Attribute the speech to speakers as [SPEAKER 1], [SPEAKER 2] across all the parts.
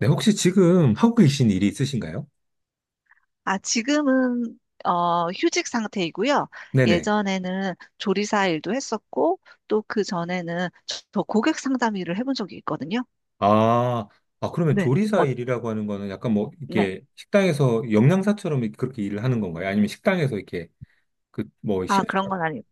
[SPEAKER 1] 네, 혹시 지금 하고 계신 일이 있으신가요?
[SPEAKER 2] 아, 지금은 휴직 상태이고요.
[SPEAKER 1] 네네.
[SPEAKER 2] 예전에는 조리사 일도 했었고, 또 그 전에는 저 고객 상담 일을 해본 적이 있거든요.
[SPEAKER 1] 아, 아, 그러면
[SPEAKER 2] 네.
[SPEAKER 1] 조리사
[SPEAKER 2] 어,
[SPEAKER 1] 일이라고 하는 거는 약간 뭐,
[SPEAKER 2] 네.
[SPEAKER 1] 이렇게 식당에서 영양사처럼 이렇게 그렇게 일을 하는 건가요? 아니면 식당에서 이렇게, 그, 뭐,
[SPEAKER 2] 아, 그런
[SPEAKER 1] 셰프처럼?
[SPEAKER 2] 건 아니,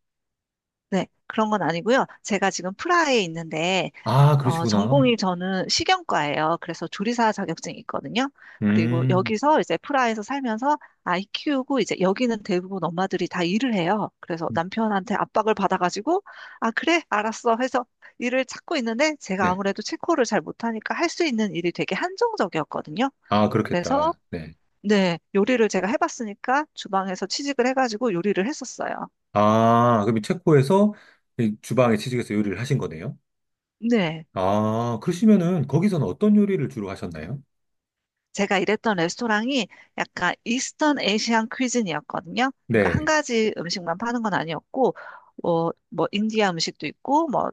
[SPEAKER 2] 네. 그런 건 아니고요. 제가 지금 프라하에 있는데,
[SPEAKER 1] 아, 그러시구나.
[SPEAKER 2] 전공이 저는 식용과예요. 그래서 조리사 자격증이 있거든요. 그리고
[SPEAKER 1] 음,
[SPEAKER 2] 여기서 이제 프라하에서 살면서 아이 키우고 이제 여기는 대부분 엄마들이 다 일을 해요. 그래서 남편한테 압박을 받아가지고 아, 그래, 알았어 해서 일을 찾고 있는데 제가
[SPEAKER 1] 네.
[SPEAKER 2] 아무래도 체코를 잘 못하니까 할 수 있는 일이 되게 한정적이었거든요.
[SPEAKER 1] 아,
[SPEAKER 2] 그래서
[SPEAKER 1] 그렇겠다. 네.
[SPEAKER 2] 네, 요리를 제가 해봤으니까 주방에서 취직을 해가지고 요리를 했었어요.
[SPEAKER 1] 아, 그럼 이 체코에서 이 주방에 취직해서 요리를 하신 거네요?
[SPEAKER 2] 네.
[SPEAKER 1] 아, 그러시면은 거기서는 어떤 요리를 주로 하셨나요?
[SPEAKER 2] 제가 일했던 레스토랑이 약간 이스턴 에이시안 퀴즈니였거든요. 그러니까 한
[SPEAKER 1] 네.
[SPEAKER 2] 가지 음식만 파는 건 아니었고, 뭐, 인디아 음식도 있고, 뭐,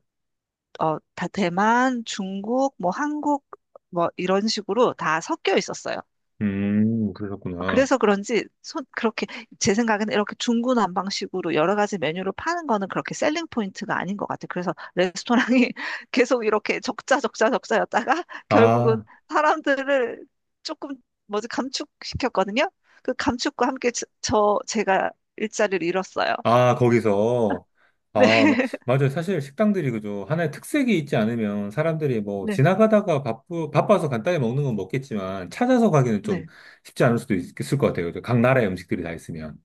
[SPEAKER 2] 다 대만, 중국, 뭐, 한국, 뭐, 이런 식으로 다 섞여 있었어요.
[SPEAKER 1] 그러셨구나.
[SPEAKER 2] 그래서 그런지 손 그렇게 제 생각에는 이렇게 중구난방식으로 여러 가지 메뉴를 파는 거는 그렇게 셀링 포인트가 아닌 것 같아요. 그래서 레스토랑이 계속 이렇게 적자 적자 적자였다가 결국은
[SPEAKER 1] 아.
[SPEAKER 2] 사람들을 조금 뭐지 감축시켰거든요. 그 감축과 함께 제가 일자리를 잃었어요.
[SPEAKER 1] 아, 거기서.
[SPEAKER 2] 네.
[SPEAKER 1] 아, 맞아요. 사실 식당들이 그죠. 하나의 특색이 있지 않으면 사람들이 뭐
[SPEAKER 2] 네.
[SPEAKER 1] 지나가다가 바빠서 간단히 먹는 건 먹겠지만 찾아서 가기는 좀
[SPEAKER 2] 네.
[SPEAKER 1] 쉽지 않을 수도 있을 것 같아요. 그죠? 각 나라의 음식들이 다 있으면.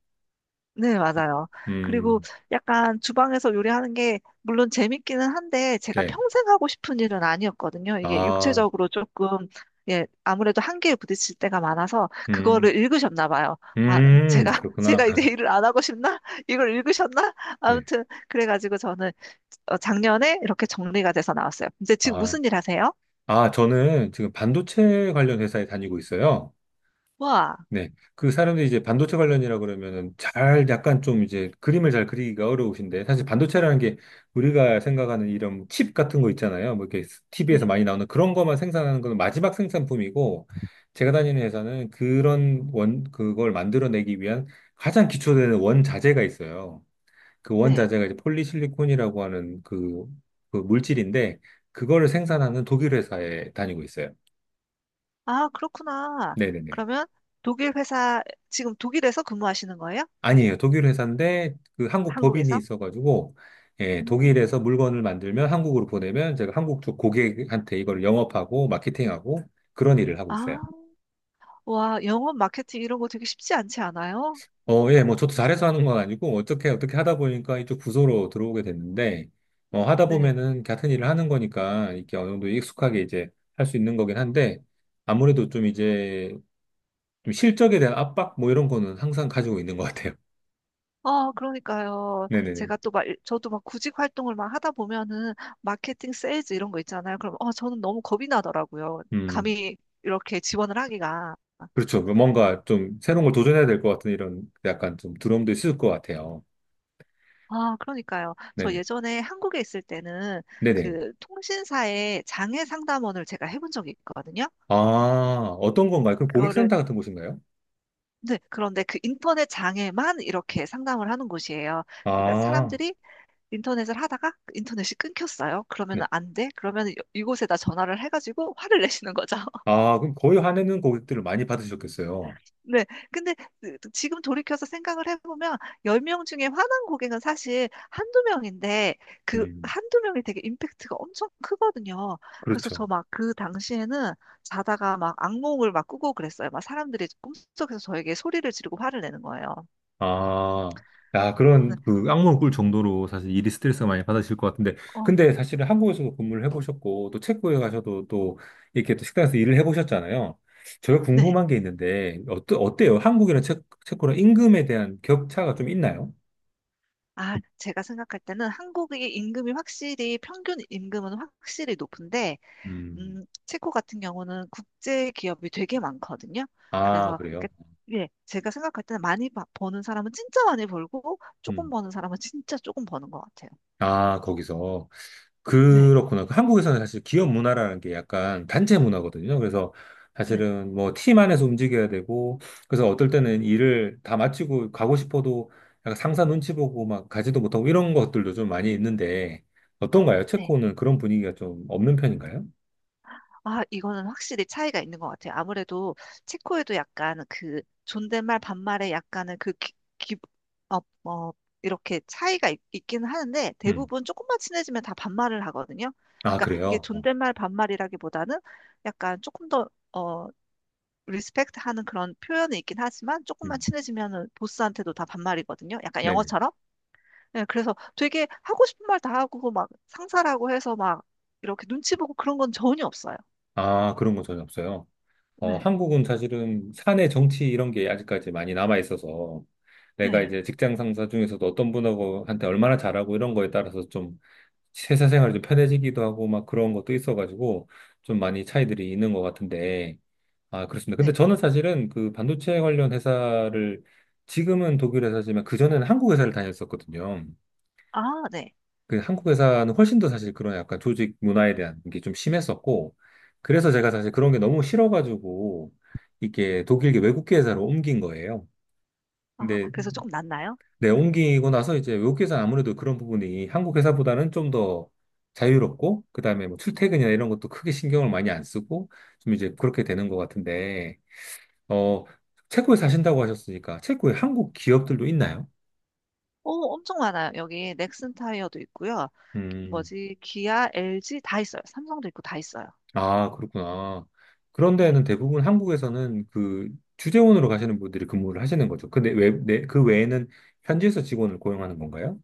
[SPEAKER 2] 네, 맞아요. 그리고
[SPEAKER 1] 음,
[SPEAKER 2] 약간 주방에서 요리하는 게 물론 재밌기는 한데 제가
[SPEAKER 1] 네.
[SPEAKER 2] 평생 하고 싶은 일은 아니었거든요. 이게
[SPEAKER 1] 아,
[SPEAKER 2] 육체적으로 조금 예, 아무래도 한계에 부딪힐 때가 많아서
[SPEAKER 1] 음,
[SPEAKER 2] 그거를 읽으셨나 봐요. 아, 제가
[SPEAKER 1] 그렇구나.
[SPEAKER 2] 제가 이제 일을 안 하고 싶나? 이걸 읽으셨나?
[SPEAKER 1] 네.
[SPEAKER 2] 아무튼 그래가지고 저는 작년에 이렇게 정리가 돼서 나왔어요. 이제 지금
[SPEAKER 1] 아,
[SPEAKER 2] 무슨 일 하세요?
[SPEAKER 1] 아, 저는 지금 반도체 관련 회사에 다니고 있어요.
[SPEAKER 2] 와,
[SPEAKER 1] 네. 그 사람들이 이제 반도체 관련이라 그러면은 잘 약간 좀 이제 그림을 잘 그리기가 어려우신데 사실 반도체라는 게 우리가 생각하는 이런 칩 같은 거 있잖아요. 뭐 이렇게 TV에서
[SPEAKER 2] 네,
[SPEAKER 1] 많이 나오는 그런 것만 생산하는 건 마지막 생산품이고 제가 다니는 회사는 그걸 만들어내기 위한 가장 기초되는 원자재가 있어요. 그
[SPEAKER 2] 네.
[SPEAKER 1] 원자재가 이제 폴리실리콘이라고 하는 그, 그 물질인데 그거를 생산하는 독일 회사에 다니고 있어요.
[SPEAKER 2] 아, 그렇구나.
[SPEAKER 1] 네네네.
[SPEAKER 2] 그러면 독일 회사 지금 독일에서 근무하시는 거예요?
[SPEAKER 1] 아니에요. 독일 회사인데 그 한국 법인이
[SPEAKER 2] 한국에서?
[SPEAKER 1] 있어가지고 예,
[SPEAKER 2] 음.
[SPEAKER 1] 독일에서 물건을 만들면 한국으로 보내면 제가 한국 쪽 고객한테 이걸 영업하고 마케팅하고 그런 일을 하고
[SPEAKER 2] 아,
[SPEAKER 1] 있어요.
[SPEAKER 2] 와, 영업 마케팅 이런 거 되게 쉽지 않지 않아요?
[SPEAKER 1] 어, 예, 뭐 저도 잘해서 하는 건 아니고 어떻게 어떻게 하다 보니까 이쪽 부서로 들어오게 됐는데 어, 하다
[SPEAKER 2] 네.
[SPEAKER 1] 보면은 같은 일을 하는 거니까 이렇게 어느 정도 익숙하게 이제 할 수 있는 거긴 한데 아무래도 좀 이제 좀 실적에 대한 압박 뭐 이런 거는 항상 가지고 있는 것 같아요.
[SPEAKER 2] 어, 그러니까요.
[SPEAKER 1] 네네네.
[SPEAKER 2] 저도 막 구직 활동을 막 하다 보면은 마케팅 세일즈 이런 거 있잖아요. 그럼, 저는 너무 겁이 나더라고요.
[SPEAKER 1] 음.
[SPEAKER 2] 감히 이렇게 지원을 하기가.
[SPEAKER 1] 그렇죠. 그 뭔가 좀 새로운 걸 도전해야 될 것 같은 이런 약간 좀 두려움도 있을 것 같아요.
[SPEAKER 2] 아, 그러니까요. 저
[SPEAKER 1] 네네.
[SPEAKER 2] 예전에 한국에 있을 때는
[SPEAKER 1] 네네.
[SPEAKER 2] 그 통신사의 장애 상담원을 제가 해본 적이 있거든요.
[SPEAKER 1] 아, 어떤 건가요? 그럼
[SPEAKER 2] 그거를
[SPEAKER 1] 고객센터 같은 곳인가요?
[SPEAKER 2] 네, 그런데 그 인터넷 장애만 이렇게 상담을 하는 곳이에요. 그러니까
[SPEAKER 1] 아,
[SPEAKER 2] 사람들이 인터넷을 하다가 그 인터넷이 끊겼어요.
[SPEAKER 1] 네.
[SPEAKER 2] 그러면은 안 돼? 그러면 이곳에다 전화를 해가지고 화를 내시는 거죠.
[SPEAKER 1] 아, 그럼 거의 화내는 고객들을 많이 받으셨겠어요.
[SPEAKER 2] 네. 근데 그 지금 돌이켜서 생각을 해보면 10명 중에 화난 고객은 사실 한두 명인데 그
[SPEAKER 1] 음,
[SPEAKER 2] 한두 명이 되게 임팩트가 엄청 크거든요. 그래서
[SPEAKER 1] 그렇죠.
[SPEAKER 2] 저 막 그 당시에는 자다가 막 악몽을 막 꾸고 그랬어요. 막 사람들이 꿈속에서 저에게 소리를 지르고 화를 내는 거예요.
[SPEAKER 1] 아, 야, 그런
[SPEAKER 2] 네.
[SPEAKER 1] 그 악몽을 꿀 정도로 사실 일이 스트레스 많이 받으실 것 같은데.
[SPEAKER 2] 어,
[SPEAKER 1] 근데 사실은 한국에서도 근무를 해보셨고, 또 체코에 가셔도 또 이렇게 또 식당에서 일을 해보셨잖아요. 제가
[SPEAKER 2] 네.
[SPEAKER 1] 궁금한 게 있는데, 어떠, 어때요? 한국이랑 체코랑 임금에 대한 격차가 좀 있나요?
[SPEAKER 2] 아, 제가 생각할 때는 한국의 임금이 확실히 평균 임금은 확실히 높은데,
[SPEAKER 1] 음,
[SPEAKER 2] 체코 같은 경우는 국제 기업이 되게 많거든요.
[SPEAKER 1] 아,
[SPEAKER 2] 그래서 이렇게
[SPEAKER 1] 그래요?
[SPEAKER 2] 예, 제가 생각할 때는 많이 버는 사람은 진짜 많이 벌고 조금 버는 사람은 진짜 조금 버는 것 같아요.
[SPEAKER 1] 아, 거기서.
[SPEAKER 2] 네,
[SPEAKER 1] 그렇구나. 그 한국에서는 사실 기업 문화라는 게 약간 단체 문화거든요. 그래서
[SPEAKER 2] 네.
[SPEAKER 1] 사실은 뭐 팀 안에서 움직여야 되고, 그래서 어떨 때는 일을 다 마치고 가고 싶어도 약간 상사 눈치 보고 막 가지도 못하고 이런 것들도 좀 많이 있는데, 어떤가요?
[SPEAKER 2] 네.
[SPEAKER 1] 체코는 그런 분위기가 좀 없는 편인가요?
[SPEAKER 2] 아, 이거는 확실히 차이가 있는 것 같아요. 아무래도 체코에도 약간 그 존댓말 반말에 약간은 어, 어, 이렇게 차이가 있긴 하는데
[SPEAKER 1] 음.
[SPEAKER 2] 대부분 조금만 친해지면 다 반말을 하거든요.
[SPEAKER 1] 아,
[SPEAKER 2] 그러니까 이게
[SPEAKER 1] 그래요? 어,
[SPEAKER 2] 존댓말 반말이라기보다는 약간 조금 더 리스펙트 하는 그런 표현이 있긴 하지만 조금만
[SPEAKER 1] 음.
[SPEAKER 2] 친해지면은 보스한테도 다 반말이거든요. 약간
[SPEAKER 1] 네네.
[SPEAKER 2] 영어처럼. 예, 그래서 되게 하고 싶은 말 다 하고 막 상사라고 해서 막 이렇게 눈치 보고 그런 건 전혀 없어요.
[SPEAKER 1] 아, 그런 거 전혀 없어요. 어,
[SPEAKER 2] 네.
[SPEAKER 1] 한국은 사실은 사내 정치 이런 게 아직까지 많이 남아 있어서 내가
[SPEAKER 2] 네.
[SPEAKER 1] 이제 직장 상사 중에서도 어떤 분하고 한테 얼마나 잘하고 이런 거에 따라서 좀 회사 생활이 좀 편해지기도 하고 막 그런 것도 있어가지고 좀 많이 차이들이 있는 것 같은데 아, 그렇습니다. 근데
[SPEAKER 2] 네.
[SPEAKER 1] 저는 사실은 그 반도체 관련 회사를 지금은 독일 회사지만 그전에는 한국 회사를 다녔었거든요.
[SPEAKER 2] 아, 네.
[SPEAKER 1] 그 한국 회사는 훨씬 더 사실 그런 약간 조직 문화에 대한 게 좀 심했었고, 그래서 제가 사실 그런 게 너무 싫어가지고, 이게 독일계 외국계 회사로 옮긴 거예요.
[SPEAKER 2] 아,
[SPEAKER 1] 근데
[SPEAKER 2] 그래서 조금 낫나요?
[SPEAKER 1] 내 옮기고 나서 이제 외국계 회사는 아무래도 그런 부분이 한국 회사보다는 좀 더 자유롭고, 그 다음에 뭐 출퇴근이나 이런 것도 크게 신경을 많이 안 쓰고, 좀 이제 그렇게 되는 것 같은데, 어, 체코에 사신다고 하셨으니까, 체코에 한국 기업들도 있나요?
[SPEAKER 2] 오, 엄청 많아요. 여기 넥슨 타이어도 있고요.
[SPEAKER 1] 음,
[SPEAKER 2] 뭐지, 기아, LG 다 있어요. 삼성도 있고 다 있어요.
[SPEAKER 1] 아, 그렇구나. 그런
[SPEAKER 2] 네.
[SPEAKER 1] 데는 대부분 한국에서는 그 주재원으로 가시는 분들이 근무를 하시는 거죠. 근데 그 외에는 현지에서 직원을 고용하는 건가요?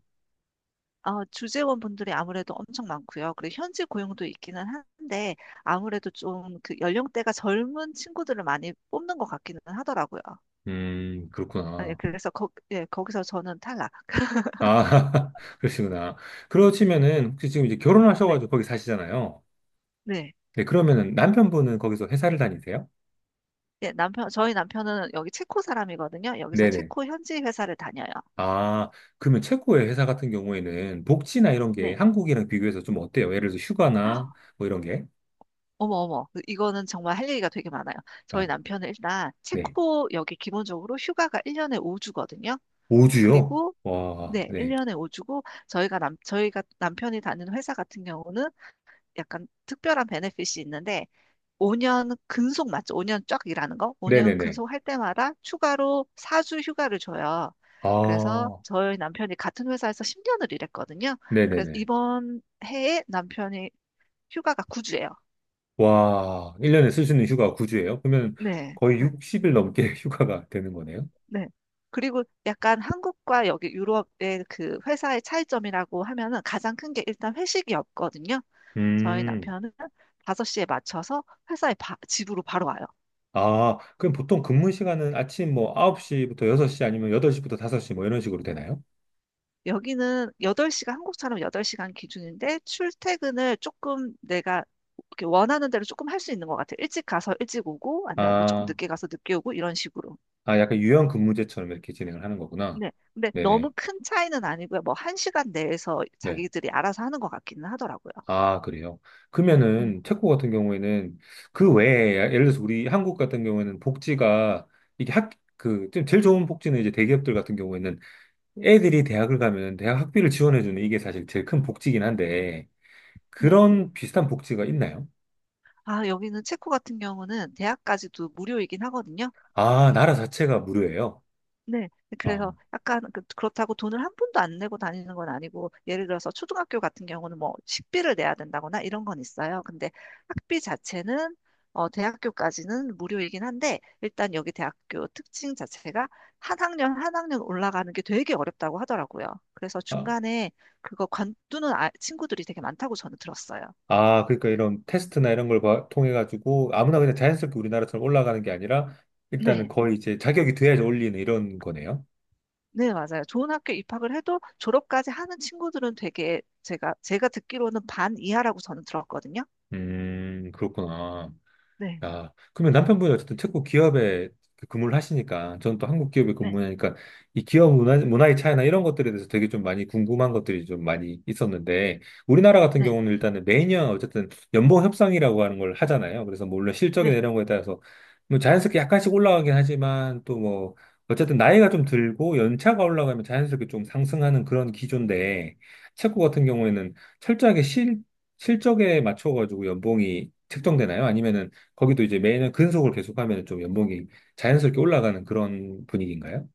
[SPEAKER 2] 아, 주재원 분들이 아무래도 엄청 많고요. 그리고 현지 고용도 있기는 한데, 아무래도 좀 그 연령대가 젊은 친구들을 많이 뽑는 것 같기는 하더라고요. 아, 예,
[SPEAKER 1] 그렇구나.
[SPEAKER 2] 그래서 거, 예, 거기서 저는 탈락.
[SPEAKER 1] 아, 그러시구나. 그러시면은 혹시 지금 이제
[SPEAKER 2] 네,
[SPEAKER 1] 결혼하셔가지고 거기 사시잖아요.
[SPEAKER 2] 네.
[SPEAKER 1] 네, 그러면은 남편분은 거기서 회사를 다니세요?
[SPEAKER 2] 예, 남편, 저희 남편은 여기 체코 사람이거든요. 여기서
[SPEAKER 1] 네네.
[SPEAKER 2] 체코 현지 회사를 다녀요.
[SPEAKER 1] 아, 그러면 체코의 회사 같은 경우에는 복지나 이런 게
[SPEAKER 2] 네.
[SPEAKER 1] 한국이랑 비교해서 좀 어때요? 예를 들어서 휴가나 뭐 이런 게?
[SPEAKER 2] 어머, 어머. 그, 이거는 정말 할 얘기가 되게 많아요.
[SPEAKER 1] 아,
[SPEAKER 2] 저희 남편은 일단
[SPEAKER 1] 네.
[SPEAKER 2] 체코 여기 기본적으로 휴가가 1년에 5주거든요.
[SPEAKER 1] 5주요?
[SPEAKER 2] 그리고
[SPEAKER 1] 와,
[SPEAKER 2] 네,
[SPEAKER 1] 네.
[SPEAKER 2] 1년에 5주고 저희가 남편이 다니는 회사 같은 경우는 약간 특별한 베네핏이 있는데 5년 근속 맞죠? 5년 쫙 일하는 거? 5년
[SPEAKER 1] 네네네.
[SPEAKER 2] 근속할 때마다 추가로 4주 휴가를 줘요. 그래서
[SPEAKER 1] 아,
[SPEAKER 2] 저희 남편이 같은 회사에서 10년을 일했거든요. 그래서
[SPEAKER 1] 네네네.
[SPEAKER 2] 이번 해에 남편이 휴가가 9주예요.
[SPEAKER 1] 와, 1년에 쓸 수 있는 휴가가 9주예요? 그러면
[SPEAKER 2] 네.
[SPEAKER 1] 거의 60일 넘게 휴가가 되는 거네요?
[SPEAKER 2] 네. 그리고 약간 한국과 여기 유럽의 그 회사의 차이점이라고 하면은 가장 큰 게 일단 회식이 없거든요. 저희
[SPEAKER 1] 음,
[SPEAKER 2] 남편은 5시에 맞춰서 회사에 집으로 바로 와요.
[SPEAKER 1] 아, 그럼 보통 근무 시간은 아침 뭐 9시부터 6시 아니면 8시부터 5시 뭐 이런 식으로 되나요?
[SPEAKER 2] 여기는 8시간, 한국처럼 8시간 기준인데 출퇴근을 조금 내가 이렇게 원하는 대로 조금 할 수 있는 것 같아요. 일찍 가서 일찍 오고 아니면 뭐 조금
[SPEAKER 1] 아,
[SPEAKER 2] 늦게 가서 늦게 오고 이런 식으로.
[SPEAKER 1] 아, 약간 유연 근무제처럼 이렇게 진행을 하는 거구나.
[SPEAKER 2] 네. 근데
[SPEAKER 1] 네네.
[SPEAKER 2] 너무 큰 차이는 아니고요. 뭐 1시간 내에서
[SPEAKER 1] 네.
[SPEAKER 2] 자기들이 알아서 하는 것 같기는 하더라고요.
[SPEAKER 1] 아, 그래요.
[SPEAKER 2] 음.
[SPEAKER 1] 그러면은 체코 같은 경우에는 그 외에 예를 들어서 우리 한국 같은 경우에는 복지가 이게 학, 그, 좀 제일 좋은 복지는 이제 대기업들 같은 경우에는 애들이 대학을 가면 대학 학비를 지원해주는 이게 사실 제일 큰 복지긴 한데,
[SPEAKER 2] 네.
[SPEAKER 1] 그런 비슷한 복지가 있나요?
[SPEAKER 2] 아, 여기는 체코 같은 경우는 대학까지도 무료이긴 하거든요.
[SPEAKER 1] 아, 나라 자체가 무료예요.
[SPEAKER 2] 네. 그래서
[SPEAKER 1] 어.
[SPEAKER 2] 약간 그렇다고 돈을 한 푼도 안 내고 다니는 건 아니고, 예를 들어서 초등학교 같은 경우는 뭐 식비를 내야 된다거나 이런 건 있어요. 근데 학비 자체는 어, 대학교까지는 무료이긴 한데, 일단 여기 대학교 특징 자체가 한 학년 한 학년 올라가는 게 되게 어렵다고 하더라고요. 그래서
[SPEAKER 1] 아,
[SPEAKER 2] 중간에 그거 관두는 친구들이 되게 많다고 저는 들었어요.
[SPEAKER 1] 아, 그러니까 이런 테스트나 이런 걸 통해가지고 아무나 그냥 자연스럽게 우리나라처럼 올라가는 게 아니라 일단은
[SPEAKER 2] 네.
[SPEAKER 1] 거의 이제 자격이 돼야지 올리는 이런 거네요.
[SPEAKER 2] 네, 맞아요. 좋은 학교 입학을 해도 졸업까지 하는 친구들은 되게 제가 듣기로는 반 이하라고 저는 들었거든요.
[SPEAKER 1] 그렇구나.
[SPEAKER 2] 네,
[SPEAKER 1] 아, 그러면 남편분이 어쨌든 체코 기업에 그 근무를 하시니까, 저는 또 한국 기업에
[SPEAKER 2] 네,
[SPEAKER 1] 근무하니까, 이 기업 문화의 차이나 이런 것들에 대해서 되게 좀 많이 궁금한 것들이 좀 많이 있었는데, 우리나라 같은
[SPEAKER 2] 네,
[SPEAKER 1] 경우는 일단은 매년 어쨌든 연봉 협상이라고 하는 걸 하잖아요. 그래서 뭐 물론 실적이나
[SPEAKER 2] 네.
[SPEAKER 1] 이런 거에 따라서 뭐 자연스럽게 약간씩 올라가긴 하지만, 또 뭐, 어쨌든 나이가 좀 들고 연차가 올라가면 자연스럽게 좀 상승하는 그런 기조인데, 체코 같은 경우에는 철저하게 실적에 맞춰가지고 연봉이 책정되나요? 아니면은 거기도 이제 매년 근속을 계속하면 좀 연봉이 자연스럽게 올라가는 그런 분위기인가요?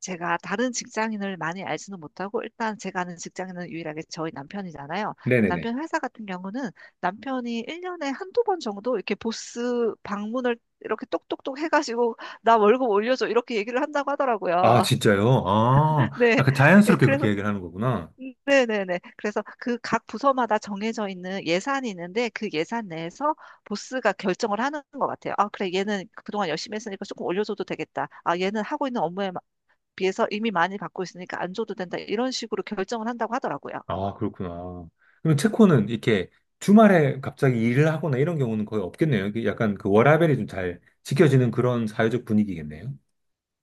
[SPEAKER 2] 제가 다른 직장인을 많이 알지는 못하고 일단 제가 아는 직장인은 유일하게 저희 남편이잖아요.
[SPEAKER 1] 네네네.
[SPEAKER 2] 남편 회사 같은 경우는 남편이 1년에 한두 번 정도 이렇게 보스 방문을 이렇게 똑똑똑 해가지고 나 월급 올려줘 이렇게 얘기를 한다고 하더라고요.
[SPEAKER 1] 아, 진짜요? 아,
[SPEAKER 2] 네.
[SPEAKER 1] 약간
[SPEAKER 2] 예,
[SPEAKER 1] 자연스럽게 그렇게
[SPEAKER 2] 그래서
[SPEAKER 1] 얘기를 하는 거구나.
[SPEAKER 2] 네네네. 그래서 그 각 부서마다 정해져 있는 예산이 있는데 그 예산 내에서 보스가 결정을 하는 것 같아요. 아, 그래, 얘는 그동안 열심히 했으니까 조금 올려줘도 되겠다. 아, 얘는 하고 있는 업무에 비해서 이미 많이 받고 있으니까 안 줘도 된다. 이런 식으로 결정을 한다고 하더라고요.
[SPEAKER 1] 아, 그렇구나. 그럼 체코는 이렇게 주말에 갑자기 일을 하거나 이런 경우는 거의 없겠네요. 이게 약간 그 워라밸이 좀 잘 지켜지는 그런 사회적 분위기겠네요.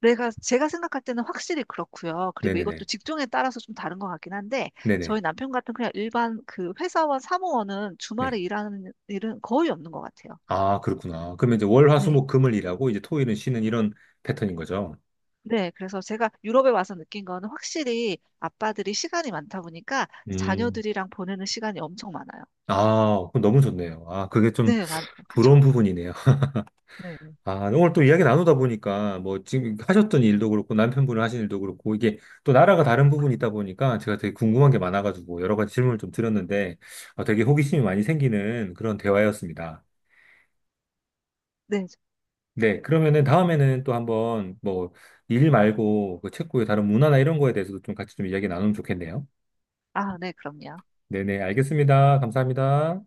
[SPEAKER 2] 제가 생각할 때는 확실히 그렇고요. 그리고 이것도
[SPEAKER 1] 네네네.
[SPEAKER 2] 직종에 따라서 좀 다른 것 같긴 한데
[SPEAKER 1] 네네.
[SPEAKER 2] 저희 남편 같은 그냥 일반 그 회사원, 사무원은
[SPEAKER 1] 네.
[SPEAKER 2] 주말에 일하는 일은 거의 없는 것 같아요.
[SPEAKER 1] 아, 그렇구나. 그러면 이제 월, 화, 수,
[SPEAKER 2] 네.
[SPEAKER 1] 목, 금을 일하고 이제 토일은 쉬는 이런 패턴인 거죠.
[SPEAKER 2] 네, 그래서 제가 유럽에 와서 느낀 거는 확실히 아빠들이 시간이 많다 보니까
[SPEAKER 1] 음.
[SPEAKER 2] 자녀들이랑 보내는 시간이 엄청 많아요.
[SPEAKER 1] 아, 그럼 너무 좋네요. 아, 그게 좀
[SPEAKER 2] 네, 그쵸.
[SPEAKER 1] 부러운 부분이네요.
[SPEAKER 2] 네,
[SPEAKER 1] 아, 오늘 또 이야기 나누다 보니까 뭐 지금 하셨던 일도 그렇고 남편분이 하신 일도 그렇고 이게 또 나라가 다른 부분이 있다 보니까 제가 되게 궁금한 게 많아가지고 여러 가지 질문을 좀 드렸는데 어, 되게 호기심이 많이 생기는 그런 대화였습니다.
[SPEAKER 2] 네.
[SPEAKER 1] 네, 그러면은 다음에는 또 한번 뭐 일 말고 그 체코의 다른 문화나 이런 거에 대해서도 좀 같이 좀 이야기 나누면 좋겠네요.
[SPEAKER 2] 아, 네, 그럼요.
[SPEAKER 1] 네네, 알겠습니다. 감사합니다.